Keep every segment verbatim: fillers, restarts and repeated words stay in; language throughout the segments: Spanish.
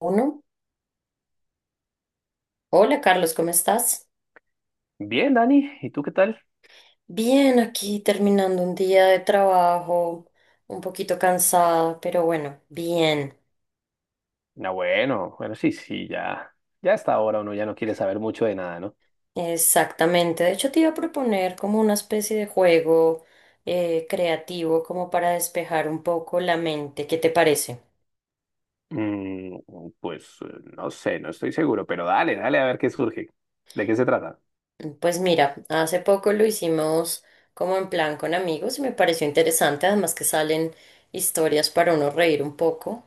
Uno. Hola Carlos, ¿cómo estás? Bien, Dani, ¿y tú qué tal? Bien, aquí terminando un día de trabajo, un poquito cansada, pero bueno, bien, Ah, bueno, bueno, sí, sí, ya, ya hasta ahora uno ya no quiere saber mucho de nada, ¿no? exactamente. De hecho, te iba a proponer como una especie de juego eh, creativo como para despejar un poco la mente. ¿Qué te parece? Mm, pues eh, no sé, no estoy seguro, pero dale, dale a ver qué surge. ¿De qué se trata? Pues mira, hace poco lo hicimos como en plan con amigos y me pareció interesante, además que salen historias para uno reír un poco.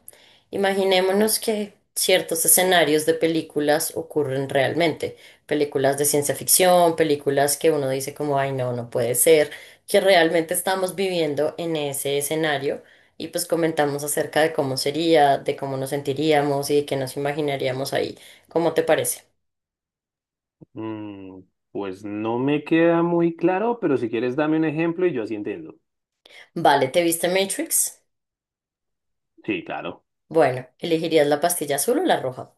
Imaginémonos que ciertos escenarios de películas ocurren realmente, películas de ciencia ficción, películas que uno dice como, ay, no, no puede ser, que realmente estamos viviendo en ese escenario y pues comentamos acerca de cómo sería, de cómo nos sentiríamos y de qué nos imaginaríamos ahí. ¿Cómo te parece? Mm, pues no me queda muy claro, pero si quieres dame un ejemplo y yo así entiendo. Vale, ¿te viste Matrix? Sí, claro. Bueno, ¿elegirías la pastilla azul o la roja?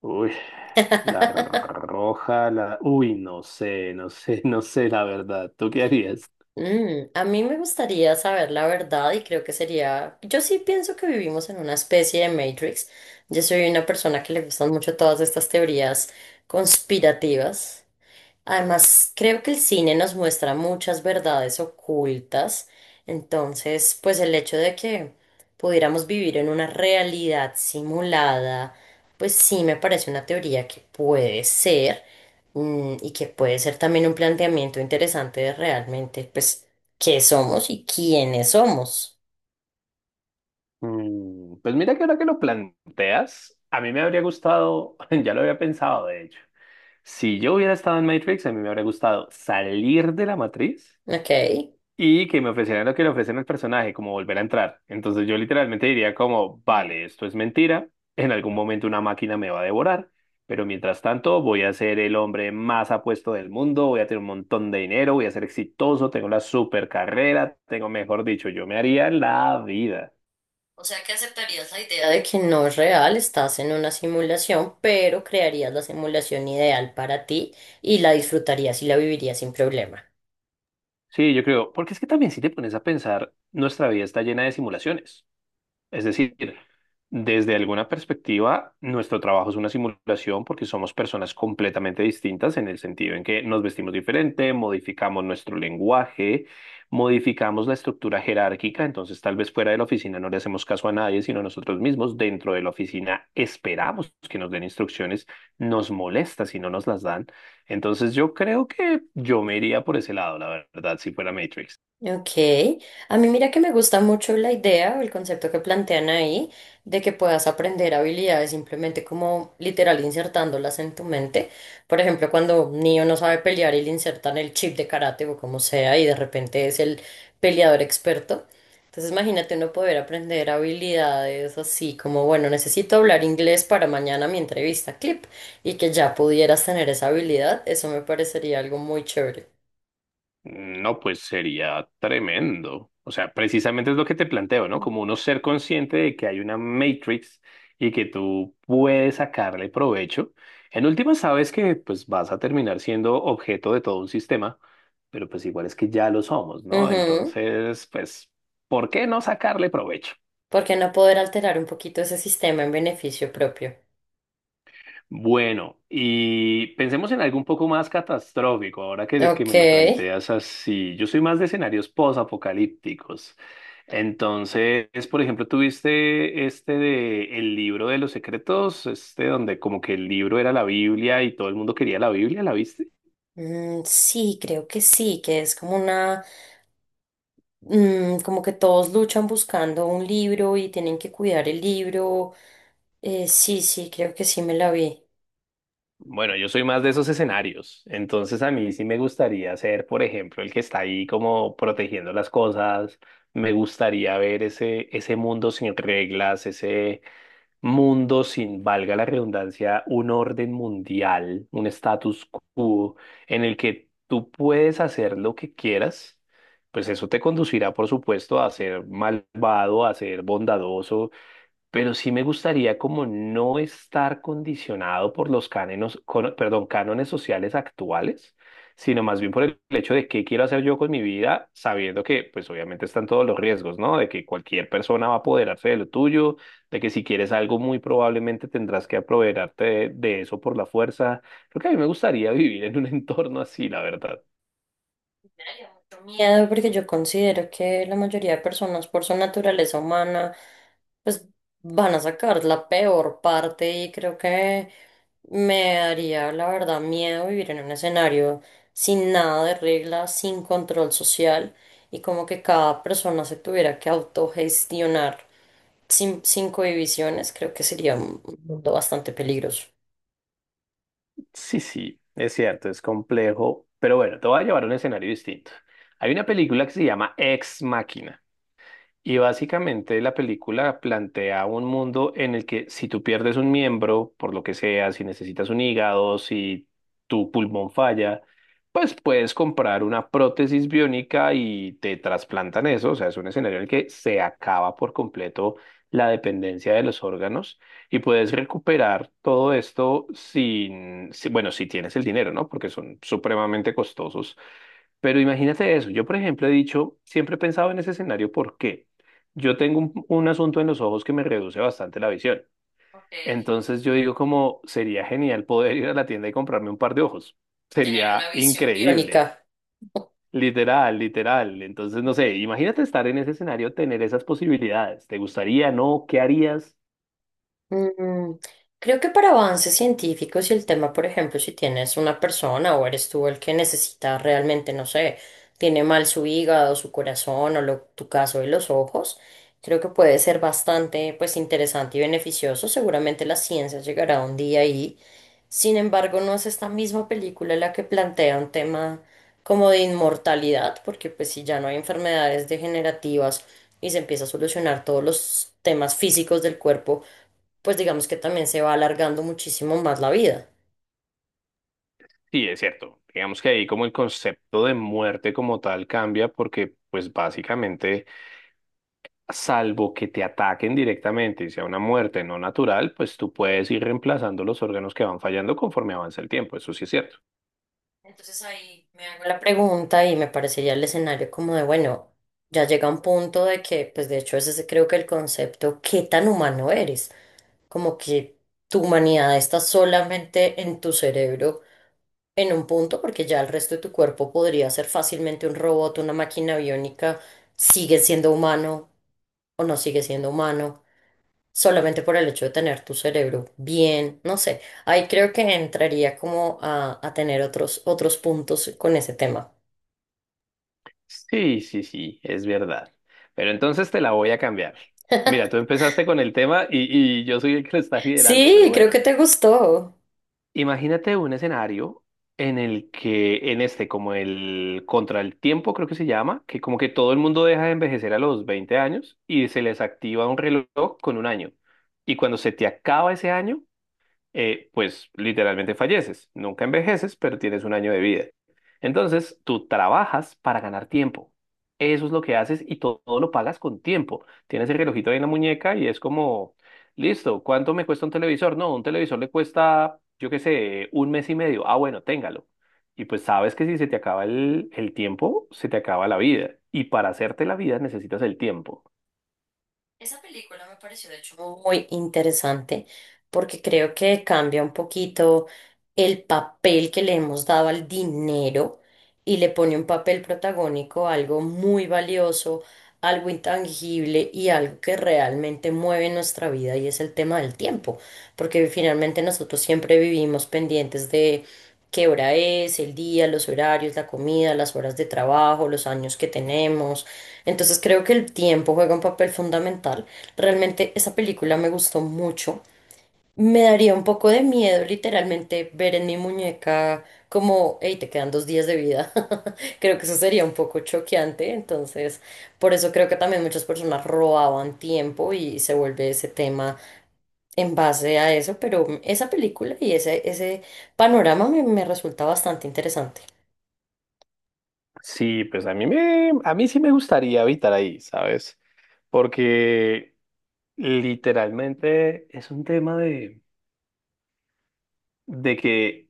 Uy, la r- roja, la... Uy, no sé, no sé, no sé la verdad. ¿Tú qué harías? Mm, a mí me gustaría saber la verdad y creo que sería, yo sí pienso que vivimos en una especie de Matrix. Yo soy una persona que le gustan mucho todas estas teorías conspirativas. Además, creo que el cine nos muestra muchas verdades ocultas, entonces, pues el hecho de que pudiéramos vivir en una realidad simulada, pues sí me parece una teoría que puede ser mm, y que puede ser también un planteamiento interesante de realmente, pues, qué somos y quiénes somos. Mm, Pues mira que ahora que lo planteas, a mí me habría gustado, ya lo había pensado de hecho, si yo hubiera estado en Matrix, a mí me habría gustado salir de la matriz ¿Ok? y que me ofrecieran lo que le ofrecen al personaje, como volver a entrar. Entonces yo literalmente diría como, vale, esto es mentira, en algún momento una máquina me va a devorar, pero mientras tanto voy a ser el hombre más apuesto del mundo, voy a tener un montón de dinero, voy a ser exitoso, tengo la super carrera, tengo, mejor dicho, yo me haría la vida. O sea que aceptarías la idea de que no es real, estás en una simulación, pero crearías la simulación ideal para ti y la disfrutarías y la vivirías sin problema. Sí, yo creo, porque es que también si te pones a pensar, nuestra vida está llena de simulaciones. Es decir, desde alguna perspectiva, nuestro trabajo es una simulación porque somos personas completamente distintas en el sentido en que nos vestimos diferente, modificamos nuestro lenguaje, modificamos la estructura jerárquica, entonces tal vez fuera de la oficina no le hacemos caso a nadie, sino a nosotros mismos. Dentro de la oficina esperamos que nos den instrucciones, nos molesta si no nos las dan. Entonces yo creo que yo me iría por ese lado, la verdad, si fuera Matrix. Ok, a mí mira que me gusta mucho la idea o el concepto que plantean ahí de que puedas aprender habilidades simplemente como literal insertándolas en tu mente. Por ejemplo, cuando un niño no sabe pelear y le insertan el chip de karate o como sea y de repente es el peleador experto. Entonces imagínate uno poder aprender habilidades así como, bueno, necesito hablar inglés para mañana mi entrevista clip y que ya pudieras tener esa habilidad, eso me parecería algo muy chévere. No, pues sería tremendo. O sea, precisamente es lo que te planteo, ¿no? Como uno ser consciente de que hay una matrix y que tú puedes sacarle provecho. En última sabes que pues vas a terminar siendo objeto de todo un sistema, pero pues igual es que ya lo somos, ¿no? Ujú. Entonces, pues, ¿por qué no sacarle provecho? ¿Porque no poder alterar un poquito ese sistema en beneficio propio? Bueno, y pensemos en algo un poco más catastrófico, ahora que, que Ok. me lo planteas así. Yo soy más de escenarios posapocalípticos. Entonces, por ejemplo, tuviste este de el libro de los secretos, este donde como que el libro era la Biblia y todo el mundo quería la Biblia, ¿la viste? Mm, sí, creo que sí, que es como una, mm, como que todos luchan buscando un libro y tienen que cuidar el libro. Eh, sí, sí, creo que sí me la vi. Bueno, yo soy más de esos escenarios. Entonces, a mí sí me gustaría ser, por ejemplo, el que está ahí como protegiendo las cosas. Me gustaría ver ese, ese mundo sin reglas, ese mundo sin, valga la redundancia, un orden mundial, un status quo en el que tú puedes hacer lo que quieras, pues eso te conducirá, por supuesto, a ser malvado, a ser bondadoso, pero sí me gustaría como no estar condicionado por los cánones, cono- perdón, cánones sociales actuales, sino más bien por el hecho de qué quiero hacer yo con mi vida, sabiendo que pues obviamente están todos los riesgos, ¿no? De que cualquier persona va a apoderarse de lo tuyo, de que si quieres algo muy probablemente tendrás que apoderarte de, de eso por la fuerza. Creo que a mí me gustaría vivir en un entorno así, la verdad. Me daría mucho miedo porque yo considero que la mayoría de personas por su naturaleza humana pues van a sacar la peor parte y creo que me daría la verdad miedo vivir en un escenario sin nada de reglas, sin control social y como que cada persona se tuviera que autogestionar sin, sin cohibiciones, creo que sería un mundo bastante peligroso. Sí, sí, es cierto, es complejo, pero bueno, te voy a llevar a un escenario distinto. Hay una película que se llama Ex Machina. Y básicamente la película plantea un mundo en el que si tú pierdes un miembro, por lo que sea, si necesitas un hígado, si tu pulmón falla, pues puedes comprar una prótesis biónica y te trasplantan eso. O sea, es un escenario en el que se acaba por completo la dependencia de los órganos y puedes recuperar todo esto sin, si- bueno, si tienes el dinero, ¿no? Porque son supremamente costosos pero imagínate eso. Yo, por ejemplo, he dicho, siempre he pensado en ese escenario porque yo tengo un, un asunto en los ojos que me reduce bastante la visión. Ok. Entonces yo digo como sería genial poder ir a la tienda y comprarme un par de ojos. Tener una Sería visión increíble. biónica. Literal, literal. Entonces, no sé, imagínate estar en ese escenario, tener esas posibilidades. ¿Te gustaría, no? ¿Qué harías? Mm, creo que para avances científicos y el tema, por ejemplo, si tienes una persona o eres tú el que necesita realmente, no sé, tiene mal su hígado, su corazón o lo, tu caso de los ojos, creo que puede ser bastante, pues, interesante y beneficioso. Seguramente la ciencia llegará un día ahí. Sin embargo, no es esta misma película la que plantea un tema como de inmortalidad, porque pues si ya no hay enfermedades degenerativas y se empieza a solucionar todos los temas físicos del cuerpo, pues digamos que también se va alargando muchísimo más la vida. Sí, es cierto. Digamos que ahí como el concepto de muerte como tal cambia porque pues básicamente... salvo que te ataquen directamente y sea una muerte no natural, pues tú puedes ir reemplazando los órganos que van fallando conforme avanza el tiempo, eso sí es cierto. Entonces ahí me hago la pregunta y me parecería el escenario como de, bueno, ya llega un punto de que, pues de hecho ese es creo que el concepto, ¿qué tan humano eres? Como que tu humanidad está solamente en tu cerebro en un punto, porque ya el resto de tu cuerpo podría ser fácilmente un robot, una máquina biónica, sigue siendo humano o no sigue siendo humano, solamente por el hecho de tener tu cerebro bien, no sé, ahí creo que entraría como a, a tener otros, otros puntos con ese tema. Sí, sí, sí, es verdad. Pero entonces te la voy a cambiar. Mira, tú empezaste con el tema y, y yo soy el que lo está liderando, pero Sí, creo que bueno, te gustó. imagínate un escenario en el que, en este, como el contra el tiempo, creo que se llama, que como que todo el mundo deja de envejecer a los veinte años y se les activa un reloj con un año. Y cuando se te acaba ese año, eh, pues literalmente falleces. Nunca envejeces, pero tienes un año de vida. Entonces, tú trabajas para ganar tiempo. Eso es lo que haces y to- todo, lo pagas con tiempo. Tienes el relojito ahí en la muñeca y es como, listo, ¿cuánto me cuesta un televisor? No, un televisor le cuesta, yo qué sé, un mes y medio. Ah, bueno, téngalo. Y pues sabes que si se te acaba el, el tiempo, se te acaba la vida. Y para hacerte la vida necesitas el tiempo. Esa película me pareció de hecho muy interesante porque creo que cambia un poquito el papel que le hemos dado al dinero y le pone un papel protagónico, algo muy valioso, algo intangible y algo que realmente mueve nuestra vida y es el tema del tiempo, porque finalmente nosotros siempre vivimos pendientes de qué hora es, el día, los horarios, la comida, las horas de trabajo, los años que tenemos. Entonces creo que el tiempo juega un papel fundamental. Realmente esa película me gustó mucho. Me daría un poco de miedo literalmente ver en mi muñeca como, hey, te quedan dos días de vida. Creo que eso sería un poco choqueante. Entonces, por eso creo que también muchas personas robaban tiempo y se vuelve ese tema en base a eso. Pero esa película y ese, ese panorama me, me resulta bastante interesante. Sí, pues a mí me, a mí sí me gustaría habitar ahí, ¿sabes? Porque literalmente es un tema de, de que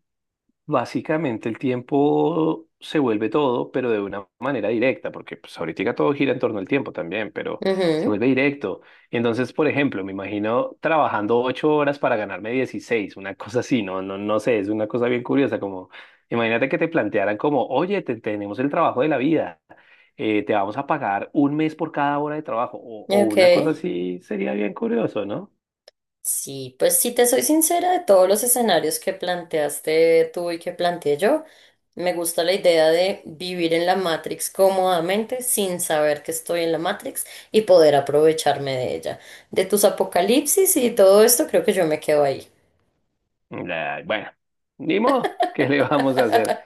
básicamente el tiempo se vuelve todo, pero de una manera directa, porque pues ahorita todo gira en torno al tiempo también, pero se Ujú. vuelve directo. Entonces, por ejemplo, me imagino trabajando ocho horas para ganarme dieciséis una cosa así, no, no, no sé, es una cosa bien curiosa, como imagínate que te plantearan como, oye, te- tenemos el trabajo de la vida, eh, te vamos a pagar un mes por cada hora de trabajo, o, o Ok. una cosa así, sería bien curioso, ¿no? Sí, pues si te soy sincera, de todos los escenarios que planteaste tú y que planteé yo, me gusta la idea de vivir en la Matrix cómodamente sin saber que estoy en la Matrix y poder aprovecharme de ella. De tus apocalipsis y todo esto, creo que yo me quedo ahí. La- bueno, ni modo, ¿qué le vamos a hacer?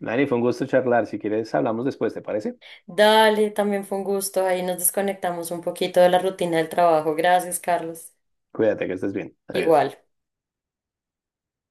Dani, fue un gusto charlar. Si quieres, hablamos después, ¿te parece? Dale, también fue un gusto. Ahí nos desconectamos un poquito de la rutina del trabajo. Gracias, Carlos. Cuídate, que estés bien. Igual. Adiós.